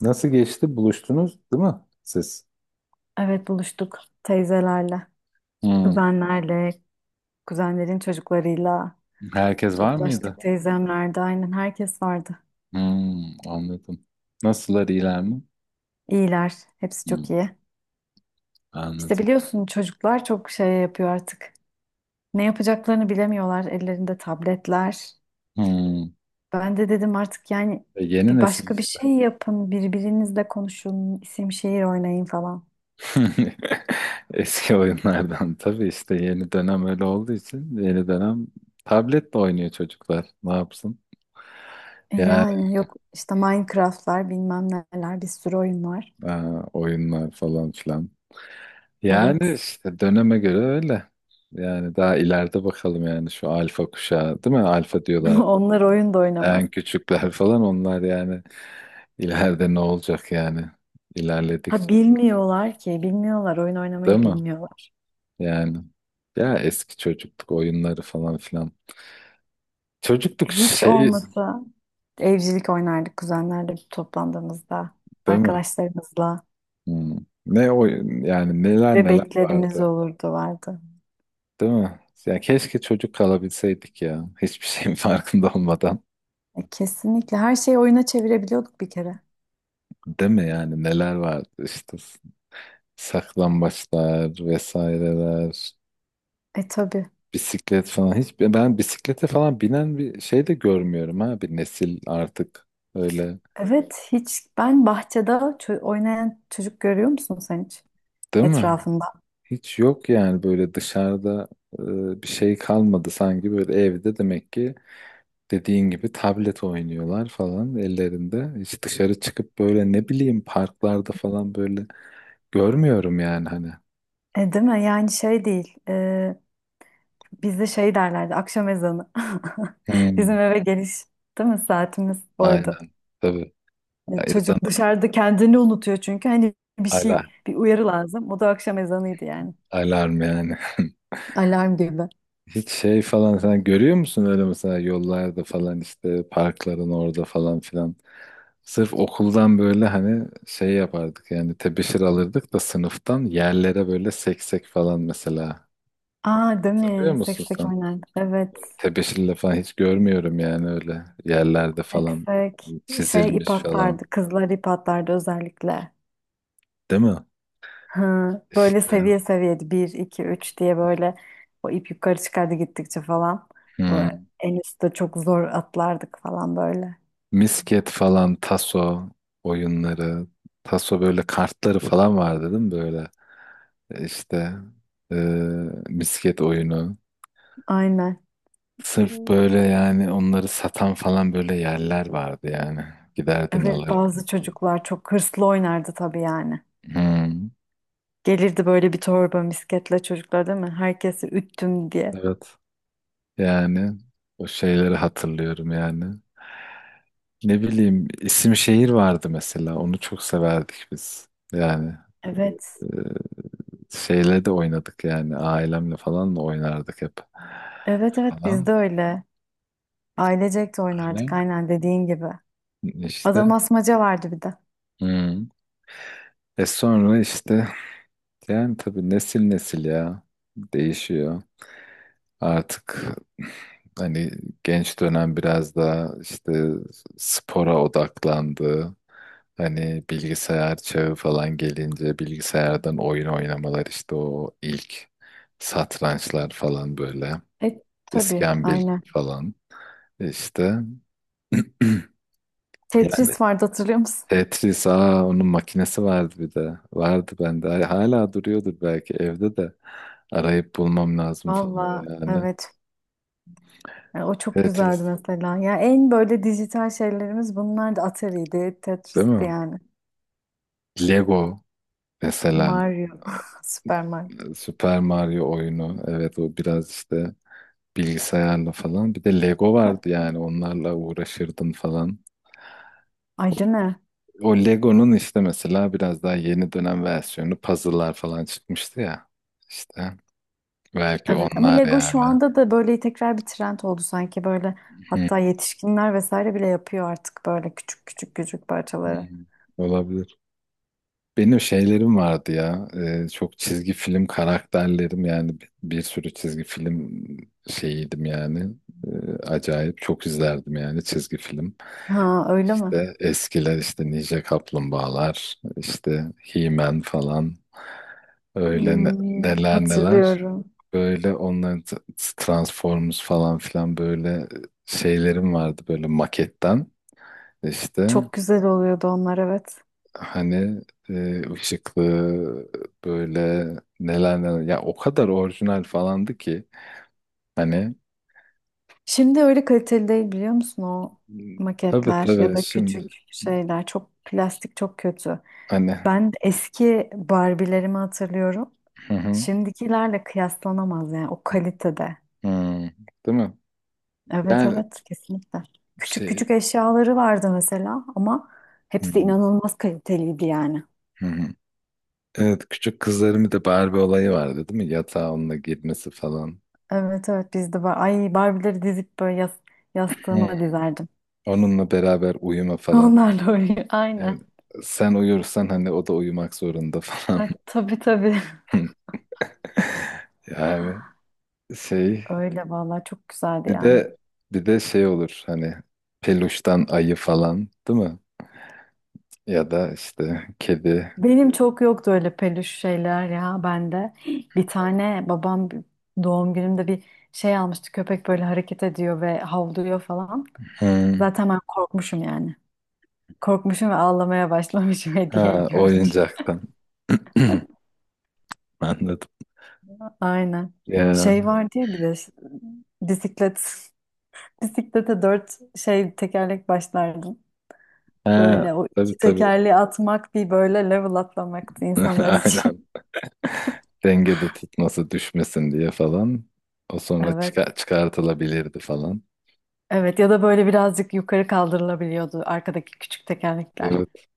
Nasıl geçti? Buluştunuz, değil mi siz? Evet buluştuk teyzelerle, Hmm. kuzenlerle, kuzenlerin çocuklarıyla Herkes var toplaştık. mıydı? Teyzemlerde aynen herkes vardı. Hmm, anladım. Nasıllar iyiler mi? İyiler, hepsi çok Hmm, iyi. İşte anladım. biliyorsun çocuklar çok şey yapıyor artık. Ne yapacaklarını bilemiyorlar, ellerinde tabletler. Hmm. Ben de dedim artık yani E, yeni bir nesil başka bir işte. şey yapın, birbirinizle konuşun, isim şehir oynayın falan. Eski oyunlardan tabii işte yeni dönem öyle olduğu için yeni dönem tabletle oynuyor çocuklar. Ne yapsın? E Yani yani yok işte Minecraft'lar bilmem neler bir sürü oyun var. e, oyunlar falan filan. Yani Evet. işte döneme göre öyle. Yani daha ileride bakalım yani şu alfa kuşağı değil mi? Alfa diyorlar. Onlar oyun da oynamaz. En küçükler falan onlar yani ileride ne olacak yani ilerledikçe, Ha bilmiyorlar ki, bilmiyorlar. Oyun değil oynamayı mi? bilmiyorlar. Yani ya eski çocukluk oyunları falan filan. Çocukluk Hiç şey, olmasa evcilik oynardık kuzenlerle toplandığımızda, değil mi? arkadaşlarımızla. Hmm. Ne oyun yani, neler neler Bebeklerimiz vardı, olurdu vardı. değil mi? Ya keşke çocuk kalabilseydik ya, hiçbir şeyin farkında olmadan. E, kesinlikle her şeyi oyuna çevirebiliyorduk bir kere. Değil mi? Yani neler vardı işte, saklambaçlar vesaireler. E tabii. Bisiklet falan hiç, ben bisiklete falan binen bir şey de görmüyorum, ha, bir nesil artık öyle, Evet hiç ben bahçede oynayan çocuk görüyor musun sen hiç değil mi? etrafında? Hiç yok yani böyle dışarıda, bir şey kalmadı sanki, böyle evde demek ki, dediğin gibi tablet oynuyorlar falan ellerinde. Hiç dışarı çıkıp böyle ne bileyim parklarda falan böyle görmüyorum yani, hani. E, değil mi? Yani şey değil. Bizde şey derlerdi akşam ezanı. Bizim Hmm. eve geliş değil mi saatimiz oydu. Aynen tabii. E, Yazan, çocuk dışarıda kendini unutuyor çünkü hani bir ala şey bir uyarı lazım. O da akşam ezanıydı yani. alarm yani. Alarm gibi. Hiç şey falan sen görüyor musun öyle, mesela yollarda falan işte, parkların orada falan filan. Sırf okuldan böyle hani şey yapardık yani, tebeşir alırdık da sınıftan, yerlere böyle seksek falan mesela. Aa değil Hatırlıyor mi? musun Seksek sen? oynardık. Evet. Tebeşirle falan hiç görmüyorum yani, öyle yerlerde falan Seksek. Şey ip çizilmiş falan. atlardı. Kızlar ip atlardı özellikle. Değil mi? Hı. Böyle İşte. seviye seviyedi. Bir, iki, üç diye böyle o ip yukarı çıkardı gittikçe falan. Bu Hmm. en üstte çok zor atlardık falan böyle. Misket falan, taso oyunları, taso, böyle kartları falan vardı değil mi böyle? İşte e, misket oyunu. Aynen. Sırf böyle yani, onları satan falan böyle yerler vardı yani. Giderdin Evet alırdın bazı falan. çocuklar çok hırslı oynardı tabii yani. Hmm, Gelirdi böyle bir torba misketle çocuklar değil mi? Herkesi üttüm diye. evet. Yani o şeyleri hatırlıyorum yani. Ne bileyim, isim şehir vardı mesela. Onu çok severdik biz. Yani Evet. e, şeyle de oynadık yani. Ailemle falan da oynardık hep. Evet evet biz Falan. de öyle. Ailecek de Öyle. oynardık aynen dediğin gibi. İşte. Adam asmaca vardı bir de. Hmm. E sonra işte. Yani tabii nesil nesil ya, değişiyor. Artık hani genç dönem biraz daha işte spora odaklandı. Hani bilgisayar çağı falan gelince bilgisayardan oyun oynamalar, işte o ilk satrançlar falan böyle. E tabii İskambil aynen. falan işte. Yani Tetris vardı hatırlıyor musun? Tetris, aa, onun makinesi vardı bir de. Vardı bende. Hala duruyordur belki evde de. Arayıp bulmam lazım falan Valla yani. evet. E, o çok güzeldi Tetris, mesela. Ya en böyle dijital şeylerimiz bunlar da Atari'ydi, değil mi? Tetris'ti yani. Lego mesela. Mario, Super Mario. Super Mario oyunu. Evet, o biraz işte bilgisayarla falan. Bir de Lego Ha, vardı yani, onlarla uğraşırdın falan. ayrı ne? O Lego'nun işte mesela biraz daha yeni dönem versiyonu, puzzle'lar falan çıkmıştı ya. İşte belki Evet ama onlar Lego şu yani. anda da böyle tekrar bir trend oldu sanki böyle, Hı, hatta yetişkinler vesaire bile yapıyor artık böyle küçük küçük küçük parçaları. hı. Olabilir. Benim şeylerim vardı ya. Çok çizgi film karakterlerim yani, bir sürü çizgi film şeyiydim yani. Acayip çok izlerdim yani çizgi film. Ha öyle mi? İşte eskiler işte Ninja Kaplumbağalar, işte He-Man falan. Öyle Hmm, neler neler. hatırlıyorum. Böyle onların Transformers falan filan, böyle şeylerim vardı böyle maketten işte. Çok güzel oluyordu onlar, evet. Hani ışıklı böyle, neler neler ya, o kadar orijinal falandı ki hani. Şimdi öyle kaliteli değil biliyor musun o Hmm. Tabii maketler ya tabii, da şimdi küçük şeyler, çok plastik çok kötü. hani, Ben eski Barbie'lerimi hatırlıyorum. hı hı, Şimdikilerle kıyaslanamaz yani o kalitede. hı, değil mi? Evet Yani evet kesinlikle. Küçük şey, küçük eşyaları vardı mesela ama hı, hepsi inanılmaz kaliteliydi yani. hı, hı. Evet, küçük kızlarımın da Barbie olayı vardı, değil mi? Yatağa onunla girmesi falan. Evet evet bizde var. Ay Barbie'leri dizip böyle Hı. yastığıma dizerdim. Onunla beraber uyuma falan. Onlarla oynuyor. Yani Aynen. sen uyursan hani, o da uyumak zorunda falan. Ha, tabii tabii. Yani şey, Öyle vallahi çok güzeldi Bir yani. de bir de şey olur hani, peluştan ayı, falan değil mi? Ya da işte kedi. Benim çok yoktu öyle peluş şeyler ya bende. Bir tane babam doğum günümde bir şey almıştı. Köpek böyle hareket ediyor ve havlıyor falan. Hmm. Zaten ben korkmuşum yani. Korkmuşum ve ağlamaya başlamışım hediyeyi Ha, görünce. oyuncaktan. Anladım. Aynen. Şey Ya. var diye bir de bisiklet. Bisiklete dört tekerlek başlardım. Ha, Böyle o tabii iki tabii. tekerleği atmak bir böyle level atlamaktı insanlar için. Aynen. Dengede tutması, düşmesin diye falan. O sonra Evet. çıkartılabilirdi falan. Evet ya da böyle birazcık yukarı kaldırılabiliyordu arkadaki küçük tekerlekler. Evet.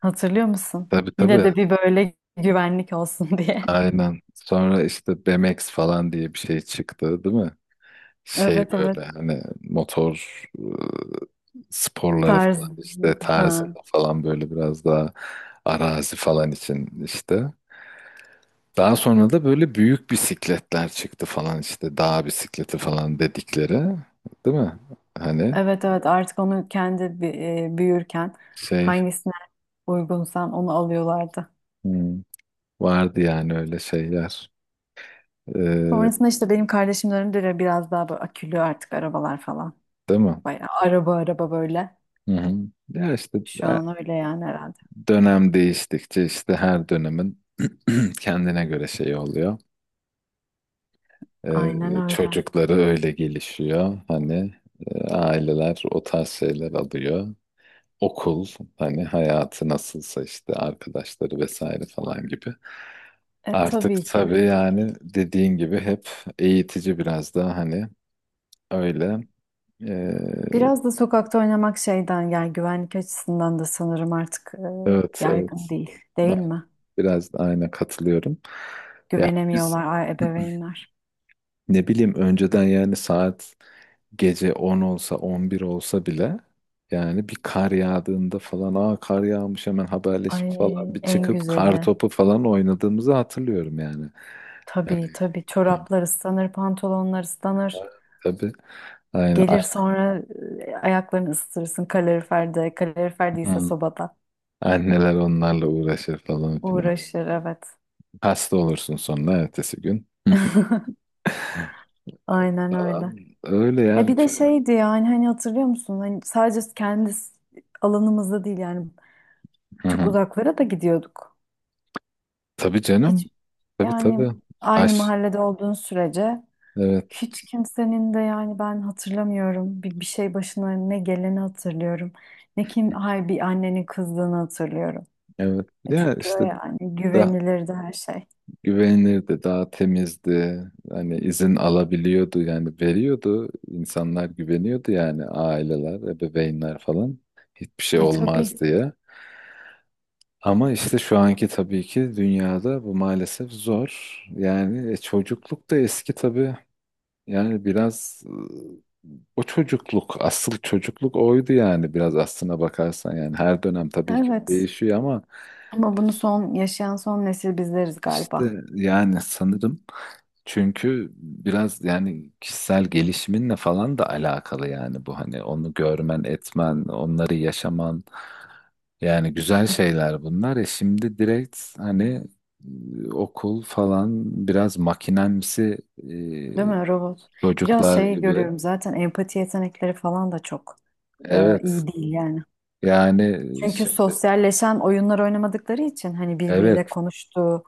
Hatırlıyor musun? Tabii Yine tabii. de bir böyle güvenlik olsun diye. Aynen. Sonra işte BMX falan diye bir şey çıktı, değil mi? Şey Evet evet. böyle hani motor sporları Tarz. falan işte, Ha. tarzında falan, böyle biraz daha arazi falan için işte. Daha sonra da böyle büyük bisikletler çıktı falan, işte dağ bisikleti falan dedikleri, değil mi? Hani Evet evet artık onu kendi büyürken şey hangisine uygunsan onu alıyorlardı. hmm, vardı yani öyle şeyler. Ee, Sonrasında işte benim kardeşimin de biraz daha böyle akülü artık arabalar falan. değil mi? Bayağı araba araba böyle. Hı hı. Ya işte Şu e, an öyle yani herhalde. dönem değiştikçe işte, her dönemin kendine göre şey oluyor. Ee, Aynen öyle. çocukları öyle gelişiyor. Hani aileler o tarz şeyler alıyor. Okul hani, hayatı nasılsa işte, arkadaşları vesaire falan gibi. E Artık tabii ki. tabii yani, dediğin gibi hep eğitici biraz daha, hani öyle. Ee, Biraz da sokakta oynamak şeyden yani güvenlik açısından da sanırım artık evet yaygın evet, değil. Değil mi? biraz da aynı katılıyorum. Ya biz Güvenemiyorlar ebeveynler. ne bileyim, önceden yani saat gece 10 olsa, 11 olsa bile, yani bir kar yağdığında falan, aa, kar yağmış, hemen haberleşip falan Ay bir en çıkıp kar güzeli. topu falan oynadığımızı hatırlıyorum yani. Yani, Tabii tabii yani çoraplar ıslanır, pantolonlar ıslanır. tabii, aynen, Gelir sonra ayaklarını ısıtırsın kaloriferde. Kalorifer değilse an- sobada. anneler onlarla uğraşır falan filan. Uğraşır evet. Hasta olursun sonra ertesi gün. Hı. Aynen öyle. Falan. Öyle E bir yani. de şeydi yani hani hatırlıyor musun? Hani sadece kendi alanımızda değil yani Hı çok hı. uzaklara da gidiyorduk. Tabii canım. Hiç Tabii tabii. yani aynı Aş. mahallede olduğun sürece Evet. hiç kimsenin de yani ben hatırlamıyorum, bir şey başına ne geleni hatırlıyorum. Ne kim hay bir annenin kızdığını hatırlıyorum. Evet. E Ya çünkü o işte yani daha güvenilirdi her şey. güvenilirdi, daha temizdi. Hani izin alabiliyordu yani, veriyordu. İnsanlar güveniyordu yani, aileler, ebeveynler falan. Hiçbir şey E olmaz tabii. diye. Ama işte şu anki tabii ki dünyada bu maalesef zor. Yani çocukluk da eski tabii. Yani biraz e, o çocukluk, asıl çocukluk oydu yani, biraz aslına bakarsan. Yani her dönem tabii ki Evet. değişiyor, ama Ama bunu son yaşayan son nesil bizleriz galiba. işte yani sanırım. Çünkü biraz yani kişisel gelişiminle falan da alakalı yani bu, hani onu görmen, etmen, onları yaşaman, yani güzel E, şeyler bunlar. E şimdi direkt hani okul falan biraz makinemsi, değil mi e, robot? Biraz çocuklar şey gibi. görüyorum zaten, empati yetenekleri falan da çok e, Evet iyi değil yani. yani, Çünkü şi- sosyalleşen oyunlar oynamadıkları için hani birbiriyle evet, konuştu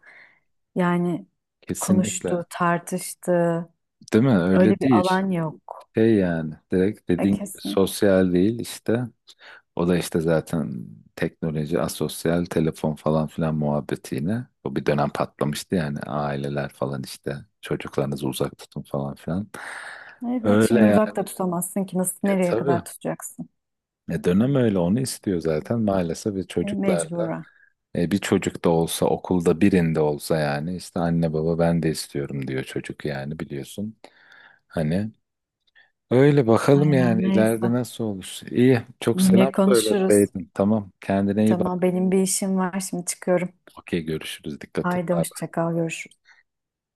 yani, kesinlikle, konuştu, tartıştı. değil mi? Öyle Öyle bir değil. alan yok. Şey yani direkt, E dediğin gibi kesin. sosyal değil işte. O da işte zaten teknoloji, asosyal, telefon falan filan muhabbeti yine. O bir dönem patlamıştı yani, aileler falan işte, çocuklarınızı uzak tutun falan filan. Evet Öyle şimdi yani uzakta tutamazsın ki, nasıl nereye tabii. kadar tutacaksın? E, dönem öyle onu istiyor zaten maalesef, ve E, çocuklarda mecburen. Bir çocuk da olsa, okulda birinde olsa yani, işte anne baba, ben de istiyorum diyor çocuk yani, biliyorsun. Hani, öyle bakalım yani Aynen ileride neyse. nasıl olur. İyi. Çok selam Yine konuşuruz. söyleseydin. Tamam. Kendine iyi Tamam bak. benim bir işim var, şimdi çıkıyorum. Okey, görüşürüz. Dikkat et. Haydi Bye. hoşça kal, görüşürüz.